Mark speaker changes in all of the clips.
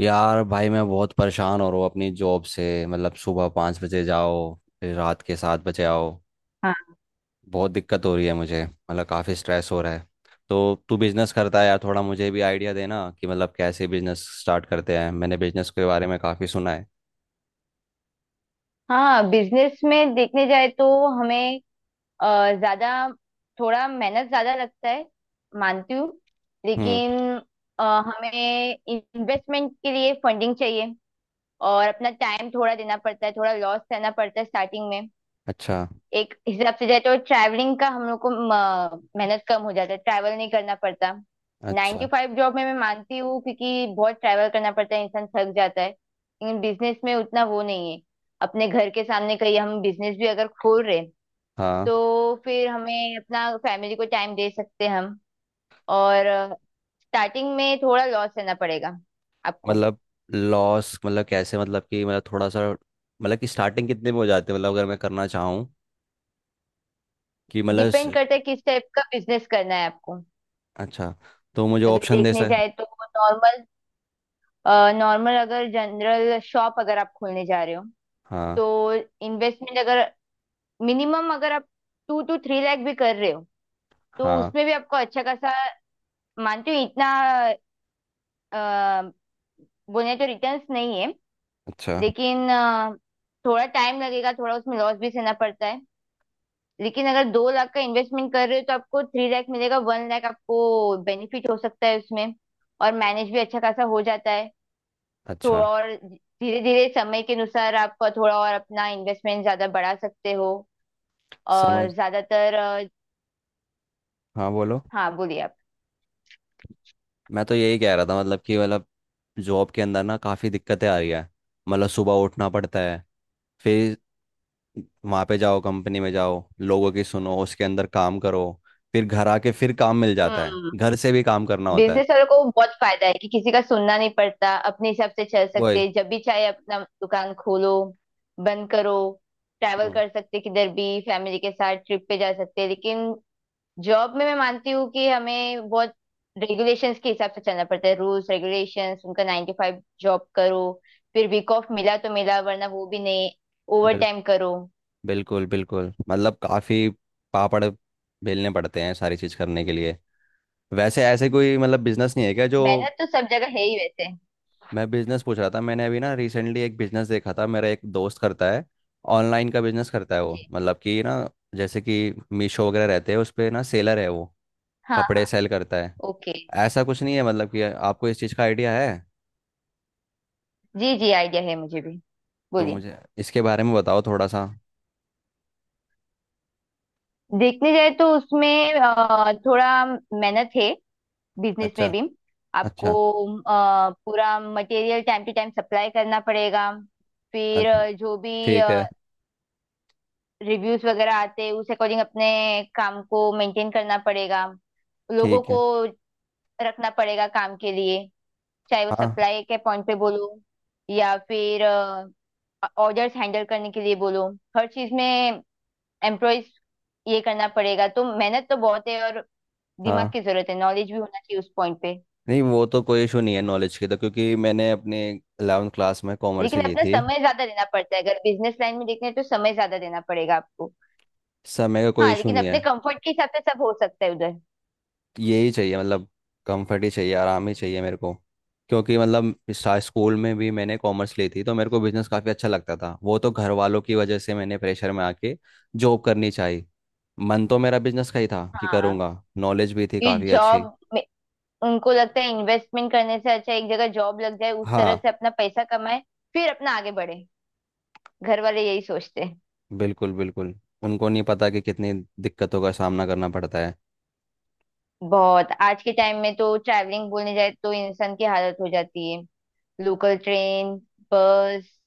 Speaker 1: यार भाई, मैं बहुत परेशान हो रहा हूँ अपनी जॉब से। मतलब सुबह 5 बजे जाओ, फिर रात के 7 बजे आओ।
Speaker 2: हाँ
Speaker 1: बहुत दिक्कत हो रही है मुझे, मतलब काफ़ी स्ट्रेस हो रहा है। तो तू बिजनेस करता है यार, थोड़ा मुझे भी आइडिया देना कि मतलब कैसे बिजनेस स्टार्ट करते हैं। मैंने बिजनेस के बारे में काफ़ी सुना है।
Speaker 2: हाँ, बिजनेस में देखने जाए तो हमें ज्यादा थोड़ा मेहनत ज्यादा लगता है, मानती हूँ।
Speaker 1: हम्म।
Speaker 2: लेकिन हमें इन्वेस्टमेंट के लिए फंडिंग चाहिए और अपना टाइम थोड़ा देना पड़ता है, थोड़ा लॉस सहना पड़ता है स्टार्टिंग में।
Speaker 1: अच्छा।
Speaker 2: एक हिसाब से जाए तो ट्रैवलिंग का हम लोग को मेहनत कम हो जाता है, ट्रैवल नहीं करना पड़ता। नाइन टू
Speaker 1: अच्छा।
Speaker 2: फाइव जॉब में मैं मानती हूँ क्योंकि बहुत ट्रैवल करना पड़ता है, इंसान थक जाता है, लेकिन बिजनेस में उतना वो नहीं है। अपने घर के सामने कहीं हम बिजनेस भी अगर खोल रहे हैं,
Speaker 1: हाँ।
Speaker 2: तो फिर हमें अपना फैमिली को टाइम दे सकते हैं हम। और स्टार्टिंग में थोड़ा लॉस रहना पड़ेगा आपको।
Speaker 1: मतलब लॉस मतलब कैसे, मतलब कि मतलब थोड़ा सा, मतलब कि स्टार्टिंग कितने में हो जाते हैं, मतलब अगर मैं करना चाहूँ कि मतलब
Speaker 2: डिपेंड करता है किस टाइप का बिजनेस करना है आपको।
Speaker 1: अच्छा। तो मुझे
Speaker 2: अगर
Speaker 1: ऑप्शन दे
Speaker 2: देखने
Speaker 1: सक
Speaker 2: जाए तो नॉर्मल नॉर्मल अगर जनरल शॉप अगर आप खोलने जा रहे हो
Speaker 1: हाँ।
Speaker 2: तो इन्वेस्टमेंट अगर मिनिमम अगर आप 2-3 लाख भी कर रहे हो तो
Speaker 1: हाँ।
Speaker 2: उसमें भी आपको अच्छा खासा, मानती हूँ इतना अ, बोले तो रिटर्न्स नहीं है।
Speaker 1: अच्छा।
Speaker 2: लेकिन थोड़ा टाइम लगेगा, थोड़ा उसमें लॉस भी सहना पड़ता है। लेकिन अगर 2 लाख का इन्वेस्टमेंट कर रहे हो तो आपको 3 लाख मिलेगा, 1 लाख आपको बेनिफिट हो सकता है उसमें, और मैनेज भी अच्छा खासा हो जाता है।
Speaker 1: अच्छा।
Speaker 2: थोड़ा और धीरे धीरे समय के अनुसार आप थोड़ा और अपना इन्वेस्टमेंट ज्यादा बढ़ा सकते हो और
Speaker 1: समझ।
Speaker 2: ज्यादातर
Speaker 1: हाँ, बोलो।
Speaker 2: हाँ, बोलिए आप।
Speaker 1: मैं तो यही कह रहा था, मतलब कि मतलब जॉब के अंदर ना काफ़ी दिक्कतें आ रही है। मतलब सुबह उठना पड़ता है। फिर वहाँ पे जाओ, कंपनी में जाओ, लोगों की सुनो, उसके अंदर काम करो। फिर घर आके फिर काम मिल जाता है,
Speaker 2: हम्म,
Speaker 1: घर से भी काम करना होता है।
Speaker 2: बिजनेस वालों को बहुत फायदा है कि किसी का सुनना नहीं पड़ता, अपने हिसाब से चल सकते
Speaker 1: वही।
Speaker 2: हैं। जब भी चाहे अपना दुकान खोलो, बंद करो। ट्रैवल
Speaker 1: हम्म,
Speaker 2: कर सकते किधर भी, फैमिली के साथ ट्रिप पे जा सकते हैं। लेकिन जॉब में मैं मानती हूँ कि हमें बहुत रेगुलेशंस के हिसाब से चलना पड़ता है, रूल्स रेगुलेशंस उनका 9 to 5 जॉब करो। फिर वीक ऑफ मिला तो मिला वरना वो भी नहीं, ओवर
Speaker 1: बिल,
Speaker 2: टाइम करो।
Speaker 1: बिल्कुल बिल्कुल। मतलब काफ़ी पापड़ बेलने पड़ते हैं सारी चीज़ करने के लिए। वैसे ऐसे कोई मतलब बिजनेस नहीं है क्या जो।
Speaker 2: मेहनत तो सब जगह है ही वैसे।
Speaker 1: मैं बिजनेस पूछ रहा था। मैंने अभी ना रिसेंटली एक बिजनेस देखा था, मेरा एक दोस्त करता है, ऑनलाइन का बिजनेस करता है वो,
Speaker 2: जी।
Speaker 1: मतलब कि ना जैसे कि मीशो वगैरह रहते हैं उस पे ना सेलर है वो, कपड़े
Speaker 2: हाँ।
Speaker 1: सेल करता है।
Speaker 2: ओके।
Speaker 1: ऐसा कुछ नहीं है, मतलब कि आपको इस चीज़ का आइडिया है।
Speaker 2: जी जी, आइडिया है मुझे भी,
Speaker 1: तो
Speaker 2: बोलिए।
Speaker 1: मुझे इसके बारे में बताओ थोड़ा सा।
Speaker 2: देखने जाए तो उसमें थोड़ा मेहनत है बिजनेस
Speaker 1: अच्छा।
Speaker 2: में भी आपको।
Speaker 1: अच्छा।
Speaker 2: पूरा material time to time supply करना पड़ेगा। फिर
Speaker 1: अच्छा।
Speaker 2: जो भी
Speaker 1: ठीक है।
Speaker 2: रिव्यूज वगैरह आते हैं उस अकॉर्डिंग अपने काम को मेंटेन करना पड़ेगा, लोगों
Speaker 1: ठीक
Speaker 2: को
Speaker 1: है।
Speaker 2: रखना पड़ेगा काम के लिए, चाहे वो
Speaker 1: हाँ।
Speaker 2: सप्लाई के पॉइंट पे बोलो या फिर ऑर्डर्स हैंडल करने के लिए बोलो। हर चीज में एम्प्लॉयज ये करना पड़ेगा, तो मेहनत तो बहुत है और दिमाग
Speaker 1: हाँ।
Speaker 2: की जरूरत है, नॉलेज भी होना चाहिए उस पॉइंट पे।
Speaker 1: नहीं, वो तो कोई इशू नहीं है नॉलेज की, तो क्योंकि मैंने अपने 11th क्लास में कॉमर्स ही
Speaker 2: लेकिन
Speaker 1: ली
Speaker 2: अपना
Speaker 1: थी।
Speaker 2: समय ज्यादा देना पड़ता है अगर बिजनेस लाइन में देखने तो, समय ज्यादा देना पड़ेगा आपको।
Speaker 1: समय का कोई
Speaker 2: हाँ,
Speaker 1: इशू
Speaker 2: लेकिन
Speaker 1: नहीं है।
Speaker 2: अपने कंफर्ट के हिसाब से सब हो सकता है उधर।
Speaker 1: यही चाहिए, मतलब कंफर्ट ही चाहिए, आराम ही चाहिए मेरे को। क्योंकि मतलब स्कूल में भी मैंने कॉमर्स ली थी, तो मेरे को बिजनेस काफ़ी अच्छा लगता था। वो तो घर वालों की वजह से मैंने प्रेशर में आके जॉब करनी चाहिए। मन तो मेरा बिजनेस का ही था कि
Speaker 2: हाँ,
Speaker 1: करूँगा। नॉलेज भी थी
Speaker 2: ये
Speaker 1: काफ़ी
Speaker 2: जॉब,
Speaker 1: अच्छी।
Speaker 2: उनको लगता है इन्वेस्टमेंट करने से अच्छा एक जगह जॉब लग जाए, उस तरह
Speaker 1: हाँ,
Speaker 2: से अपना पैसा कमाए, फिर अपना आगे बढ़े। घर वाले यही सोचते हैं।
Speaker 1: बिल्कुल बिल्कुल। उनको नहीं पता कि कितनी दिक्कतों का सामना करना पड़ता है।
Speaker 2: बहुत आज के टाइम में तो ट्रैवलिंग बोलने जाए तो इंसान की हालत हो जाती है। लोकल ट्रेन, बस,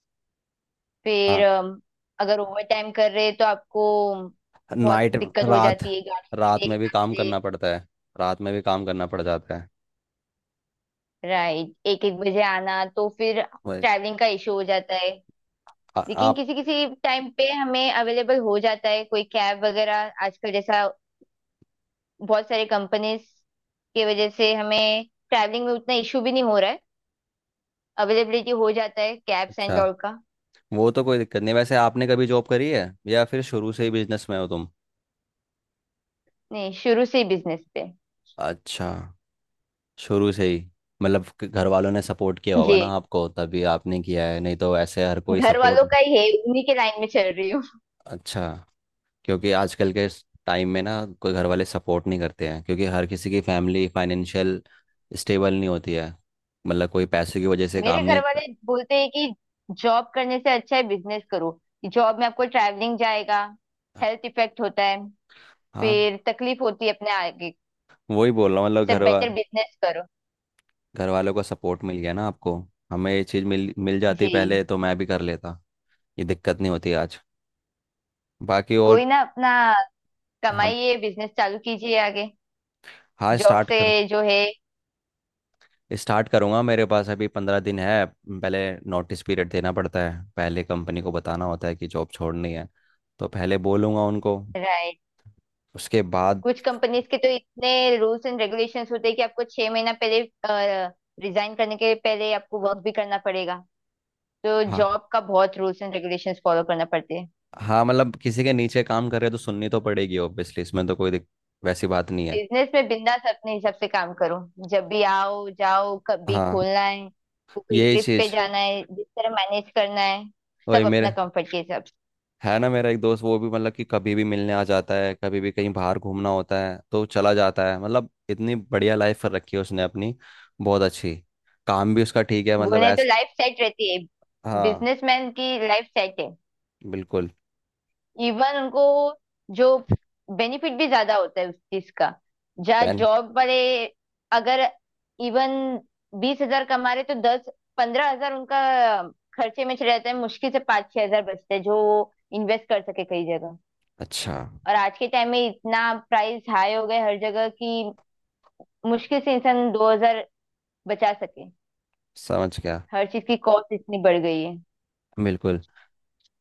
Speaker 2: फिर
Speaker 1: हाँ।
Speaker 2: अगर ओवर टाइम कर रहे हैं तो आपको बहुत
Speaker 1: नाइट।
Speaker 2: दिक्कत हो
Speaker 1: रात।
Speaker 2: जाती है, गाड़ी
Speaker 1: रात
Speaker 2: मिले
Speaker 1: में भी
Speaker 2: ना
Speaker 1: काम
Speaker 2: मिले।
Speaker 1: करना पड़ता है। रात में भी काम करना पड़ जाता है।
Speaker 2: राइट, एक एक बजे आना तो फिर
Speaker 1: वही।
Speaker 2: ट्रैवलिंग का इशू हो जाता है। लेकिन
Speaker 1: आप।
Speaker 2: किसी किसी टाइम पे हमें अवेलेबल हो जाता है कोई कैब वगैरह आजकल, जैसा बहुत सारे कंपनीज की वजह से हमें ट्रैवलिंग में उतना इशू भी नहीं हो रहा है, अवेलेबिलिटी हो जाता है कैब्स
Speaker 1: अच्छा।
Speaker 2: एंड ऑल का।
Speaker 1: वो तो कोई दिक्कत नहीं, वैसे आपने कभी जॉब करी है या फिर शुरू से ही बिजनेस में हो तुम।
Speaker 2: नहीं, शुरू से ही बिजनेस पे।
Speaker 1: अच्छा। शुरू से ही। मतलब कि घर वालों ने सपोर्ट किया होगा
Speaker 2: जी,
Speaker 1: ना आपको, तभी आपने किया है, नहीं तो ऐसे हर कोई
Speaker 2: घर
Speaker 1: सपोर्ट।
Speaker 2: वालों का ही है, उन्हीं के लाइन में चल रही हूँ।
Speaker 1: अच्छा। क्योंकि आजकल के टाइम में ना कोई घर वाले सपोर्ट नहीं करते हैं, क्योंकि हर किसी की फैमिली फाइनेंशियल स्टेबल नहीं होती है। मतलब कोई पैसे की वजह से
Speaker 2: मेरे
Speaker 1: काम
Speaker 2: घर
Speaker 1: नहीं।
Speaker 2: वाले बोलते हैं कि जॉब करने से अच्छा है बिजनेस करो। जॉब में आपको ट्रैवलिंग जाएगा, हेल्थ इफेक्ट होता है,
Speaker 1: हाँ।
Speaker 2: फिर तकलीफ होती है अपने आगे
Speaker 1: वही बोल रहा हूँ, मतलब
Speaker 2: से,
Speaker 1: घर वा
Speaker 2: बेटर बिजनेस करो।
Speaker 1: घर वालों का सपोर्ट मिल गया ना आपको। हमें ये चीज़ मिल मिल जाती
Speaker 2: जी,
Speaker 1: पहले तो मैं भी कर लेता। ये दिक्कत नहीं होती आज। बाकी और।
Speaker 2: कोई ना, अपना
Speaker 1: हम।
Speaker 2: कमाइए, बिजनेस चालू कीजिए आगे।
Speaker 1: हाँ,
Speaker 2: जॉब
Speaker 1: स्टार्ट
Speaker 2: से
Speaker 1: कर।
Speaker 2: जो है,
Speaker 1: स्टार्ट करूँगा। मेरे पास अभी 15 दिन है। पहले नोटिस पीरियड देना पड़ता है, पहले कंपनी को बताना होता है कि जॉब छोड़नी है। तो पहले बोलूँगा उनको,
Speaker 2: राइट।
Speaker 1: उसके बाद।
Speaker 2: कुछ कंपनीज के तो इतने रूल्स एंड रेगुलेशंस होते हैं कि आपको 6 महीना पहले रिजाइन करने के पहले आपको वर्क भी करना पड़ेगा। तो
Speaker 1: हाँ।
Speaker 2: जॉब का बहुत रूल्स एंड रेगुलेशंस फॉलो करना पड़ते हैं।
Speaker 1: हाँ मतलब किसी के नीचे काम कर रहे तो सुननी तो पड़ेगी ऑब्वियसली, इसमें तो कोई वैसी बात नहीं है।
Speaker 2: बिजनेस में बिंदास अपने हिसाब से काम करो, जब भी आओ जाओ, कभी
Speaker 1: हाँ,
Speaker 2: खोलना है, कोई
Speaker 1: यही
Speaker 2: ट्रिप पे
Speaker 1: चीज़।
Speaker 2: जाना है जिस तरह मैनेज करना है,
Speaker 1: वही
Speaker 2: सब अपना
Speaker 1: मेरे।
Speaker 2: कंफर्ट के हिसाब से।
Speaker 1: है ना, मेरा एक दोस्त, वो भी मतलब कि कभी भी मिलने आ जाता है, कभी भी कहीं बाहर घूमना होता है तो चला जाता है। मतलब इतनी बढ़िया लाइफ कर रखी है उसने अपनी। बहुत अच्छी। काम भी उसका ठीक है, मतलब
Speaker 2: बोले तो
Speaker 1: ऐस
Speaker 2: लाइफ सेट रहती है,
Speaker 1: हाँ।
Speaker 2: बिजनेसमैन की लाइफ सेट है।
Speaker 1: बिल्कुल।
Speaker 2: इवन उनको जो बेनिफिट भी ज्यादा होता है उस चीज का। जहाँ
Speaker 1: पेन।
Speaker 2: जॉब वाले अगर इवन 20 हज़ार कमा रहे तो 10-15 हज़ार उनका खर्चे में चले जाते हैं, मुश्किल से 5-6 हज़ार बचते हैं जो इन्वेस्ट कर सके कई जगह।
Speaker 1: अच्छा।
Speaker 2: और आज के टाइम में इतना प्राइस हाई हो गए हर जगह कि मुश्किल से इंसान 2 हज़ार बचा सके।
Speaker 1: समझ गया।
Speaker 2: हर चीज की कॉस्ट इतनी बढ़ गई है।
Speaker 1: बिल्कुल।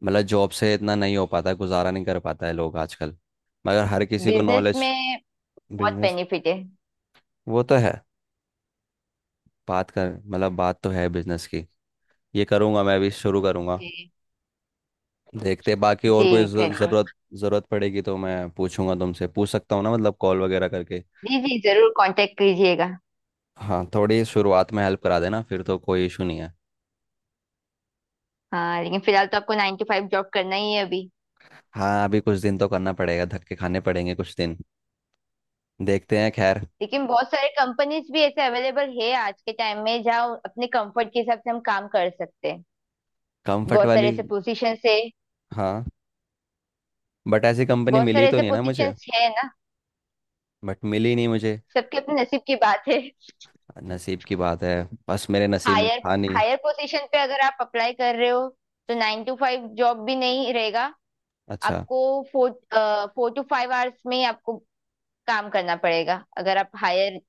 Speaker 1: मतलब जॉब से इतना नहीं हो पाता, गुजारा नहीं कर पाता है लोग आजकल। मगर हर किसी को
Speaker 2: बिजनेस
Speaker 1: नॉलेज।
Speaker 2: में बहुत
Speaker 1: बिजनेस।
Speaker 2: बेनिफिट है।
Speaker 1: वो तो है। बात कर, मतलब बात तो है बिजनेस की। ये करूँगा, मैं भी शुरू करूँगा।
Speaker 2: जी
Speaker 1: देखते हैं, बाकी और
Speaker 2: जी,
Speaker 1: कोई
Speaker 2: करिए।
Speaker 1: जरूरत जरूरत पड़ेगी तो मैं पूछूंगा तुमसे, पूछ सकता हूँ ना मतलब कॉल वगैरह करके।
Speaker 2: जी जी जरूर कांटेक्ट कीजिएगा।
Speaker 1: हाँ, थोड़ी शुरुआत में हेल्प करा देना फिर तो कोई इशू नहीं है।
Speaker 2: हाँ, लेकिन फिलहाल तो आपको 9 to 5 जॉब करना ही है अभी।
Speaker 1: हाँ, अभी कुछ दिन तो करना पड़ेगा, धक्के खाने पड़ेंगे कुछ दिन। देखते हैं खैर।
Speaker 2: लेकिन बहुत सारे कंपनीज भी ऐसे अवेलेबल है आज के टाइम में जहाँ अपने कंफर्ट के हिसाब से हम काम कर सकते हैं,
Speaker 1: कंफर्ट
Speaker 2: बहुत सारे
Speaker 1: वाली।
Speaker 2: ऐसे पोजीशन है।
Speaker 1: हाँ। बट ऐसी कंपनी
Speaker 2: बहुत
Speaker 1: मिली
Speaker 2: सारे
Speaker 1: तो
Speaker 2: ऐसे
Speaker 1: नहीं ना
Speaker 2: पोजीशन
Speaker 1: मुझे।
Speaker 2: है ना।
Speaker 1: बट मिली नहीं मुझे।
Speaker 2: सबके अपने नसीब की बात है।
Speaker 1: नसीब की बात है। बस मेरे नसीब में
Speaker 2: हायर
Speaker 1: था नहीं।
Speaker 2: हायर पोजीशन पे अगर आप अप्लाई कर रहे हो तो 9 to 5 जॉब भी नहीं रहेगा
Speaker 1: अच्छा।
Speaker 2: आपको। Four four to five hours में ही आपको काम करना पड़ेगा अगर आप हायर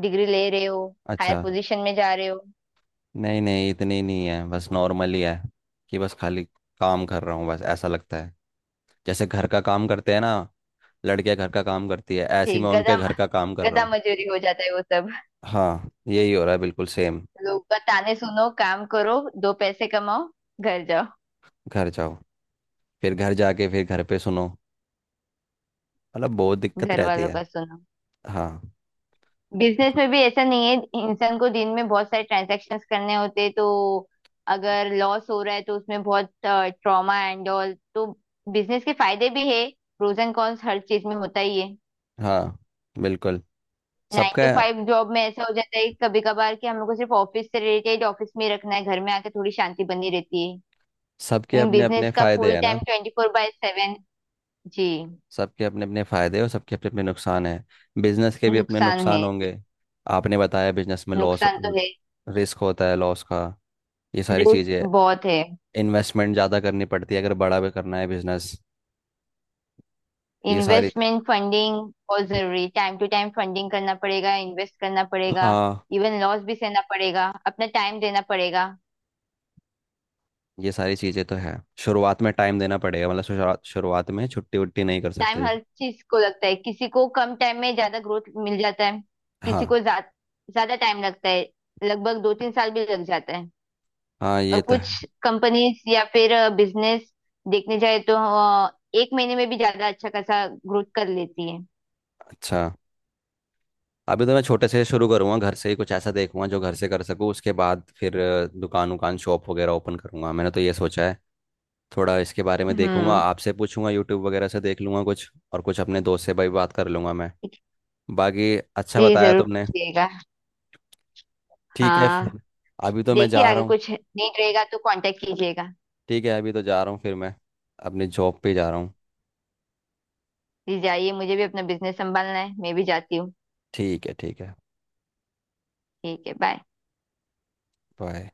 Speaker 2: डिग्री ले रहे हो, हायर
Speaker 1: अच्छा।
Speaker 2: पोजीशन में जा रहे हो।
Speaker 1: नहीं नहीं, इतनी नहीं है, बस नॉर्मल ही है। कि बस खाली काम कर रहा हूँ बस, ऐसा लगता है जैसे घर का काम करते हैं ना, लड़कियां घर का काम करती है, ऐसे ही
Speaker 2: ठीक,
Speaker 1: मैं
Speaker 2: गधा
Speaker 1: उनके घर का काम कर रहा
Speaker 2: गधा
Speaker 1: हूँ।
Speaker 2: मजूरी हो जाता है वो सब।
Speaker 1: हाँ, यही हो रहा है बिल्कुल सेम।
Speaker 2: लोग का ताने सुनो, काम करो, दो पैसे कमाओ, घर जाओ।
Speaker 1: घर जाओ। फिर घर जाके फिर घर पे सुनो। मतलब बहुत दिक्कत
Speaker 2: घर
Speaker 1: रहती
Speaker 2: वालों
Speaker 1: है।
Speaker 2: का सुनो।
Speaker 1: हाँ।
Speaker 2: बिजनेस में भी ऐसा नहीं है। इंसान को दिन में बहुत सारे ट्रांजैक्शंस करने होते हैं, तो अगर लॉस हो रहा है तो उसमें बहुत ट्रॉमा एंड ऑल, तो बिजनेस के फायदे भी है। प्रोज एंड कॉन्स हर चीज में होता ही है।
Speaker 1: हाँ। बिल्कुल।
Speaker 2: नाइन
Speaker 1: सबका।
Speaker 2: टू फाइव जॉब में ऐसा हो जाता है कभी कभार कि हम लोग को सिर्फ ऑफिस से रिलेटेड ऑफिस में ही रखना है, घर में आके थोड़ी शांति बनी रहती है।
Speaker 1: सबके अपने अपने
Speaker 2: बिजनेस का
Speaker 1: फायदे
Speaker 2: फुल
Speaker 1: है ना।
Speaker 2: टाइम 24/7। जी।
Speaker 1: सबके अपने अपने फायदे और सबके अपने अपने नुकसान है। बिजनेस के भी अपने
Speaker 2: नुकसान है,
Speaker 1: नुकसान होंगे। आपने बताया बिजनेस में लॉस।
Speaker 2: नुकसान तो है।
Speaker 1: रिस्क होता है लॉस का। ये सारी
Speaker 2: रिस्क
Speaker 1: चीज़ें
Speaker 2: बहुत है।
Speaker 1: इन्वेस्टमेंट ज़्यादा करनी पड़ती है अगर बड़ा भी करना है बिजनेस। ये सारी।
Speaker 2: इन्वेस्टमेंट फंडिंग बहुत जरूरी, टाइम टू टाइम फंडिंग करना पड़ेगा, इन्वेस्ट करना पड़ेगा।
Speaker 1: हाँ,
Speaker 2: इवन लॉस भी सहना पड़ेगा, अपना टाइम देना पड़ेगा।
Speaker 1: ये सारी चीज़ें तो है। शुरुआत में टाइम देना पड़ेगा, मतलब शुरुआत शुरुआत में छुट्टी वुट्टी नहीं कर सकते
Speaker 2: टाइम
Speaker 1: जैसे।
Speaker 2: हर चीज को लगता है, किसी को कम टाइम में ज्यादा ग्रोथ मिल जाता है,
Speaker 1: हाँ।
Speaker 2: किसी को ज्यादा टाइम लगता है। लगभग 2-3 साल भी लग जाता है।
Speaker 1: हाँ, ये
Speaker 2: और
Speaker 1: तो है।
Speaker 2: कुछ कंपनीज या फिर बिजनेस देखने जाए तो 1 महीने में भी ज्यादा अच्छा खासा ग्रोथ कर लेती है।
Speaker 1: अच्छा। अभी तो मैं छोटे से शुरू करूँगा, घर से ही कुछ ऐसा देखूंगा जो घर से कर सकूँ। उसके बाद फिर दुकान उकान शॉप वगैरह ओपन करूँगा, मैंने तो ये सोचा है। थोड़ा इसके बारे में देखूंगा,
Speaker 2: हम्म,
Speaker 1: आपसे पूछूंगा, यूट्यूब वगैरह से देख लूंगा कुछ, और कुछ अपने दोस्त से भाई बात कर लूंगा मैं। बाकी अच्छा
Speaker 2: जी,
Speaker 1: बताया
Speaker 2: जरूर
Speaker 1: तुमने।
Speaker 2: पूछिएगा।
Speaker 1: ठीक है
Speaker 2: हाँ,
Speaker 1: फिर। अभी तो मैं
Speaker 2: देखिए
Speaker 1: जा रहा
Speaker 2: आगे
Speaker 1: हूँ।
Speaker 2: कुछ नीड रहेगा तो कांटेक्ट कीजिएगा।
Speaker 1: ठीक है, अभी तो जा रहा हूँ फिर मैं। अपनी जॉब पे जा रहा हूँ।
Speaker 2: जी, जाइए, मुझे भी अपना बिजनेस संभालना है, मैं भी जाती हूँ।
Speaker 1: ठीक है, ठीक है।
Speaker 2: ठीक है, बाय।
Speaker 1: बाय।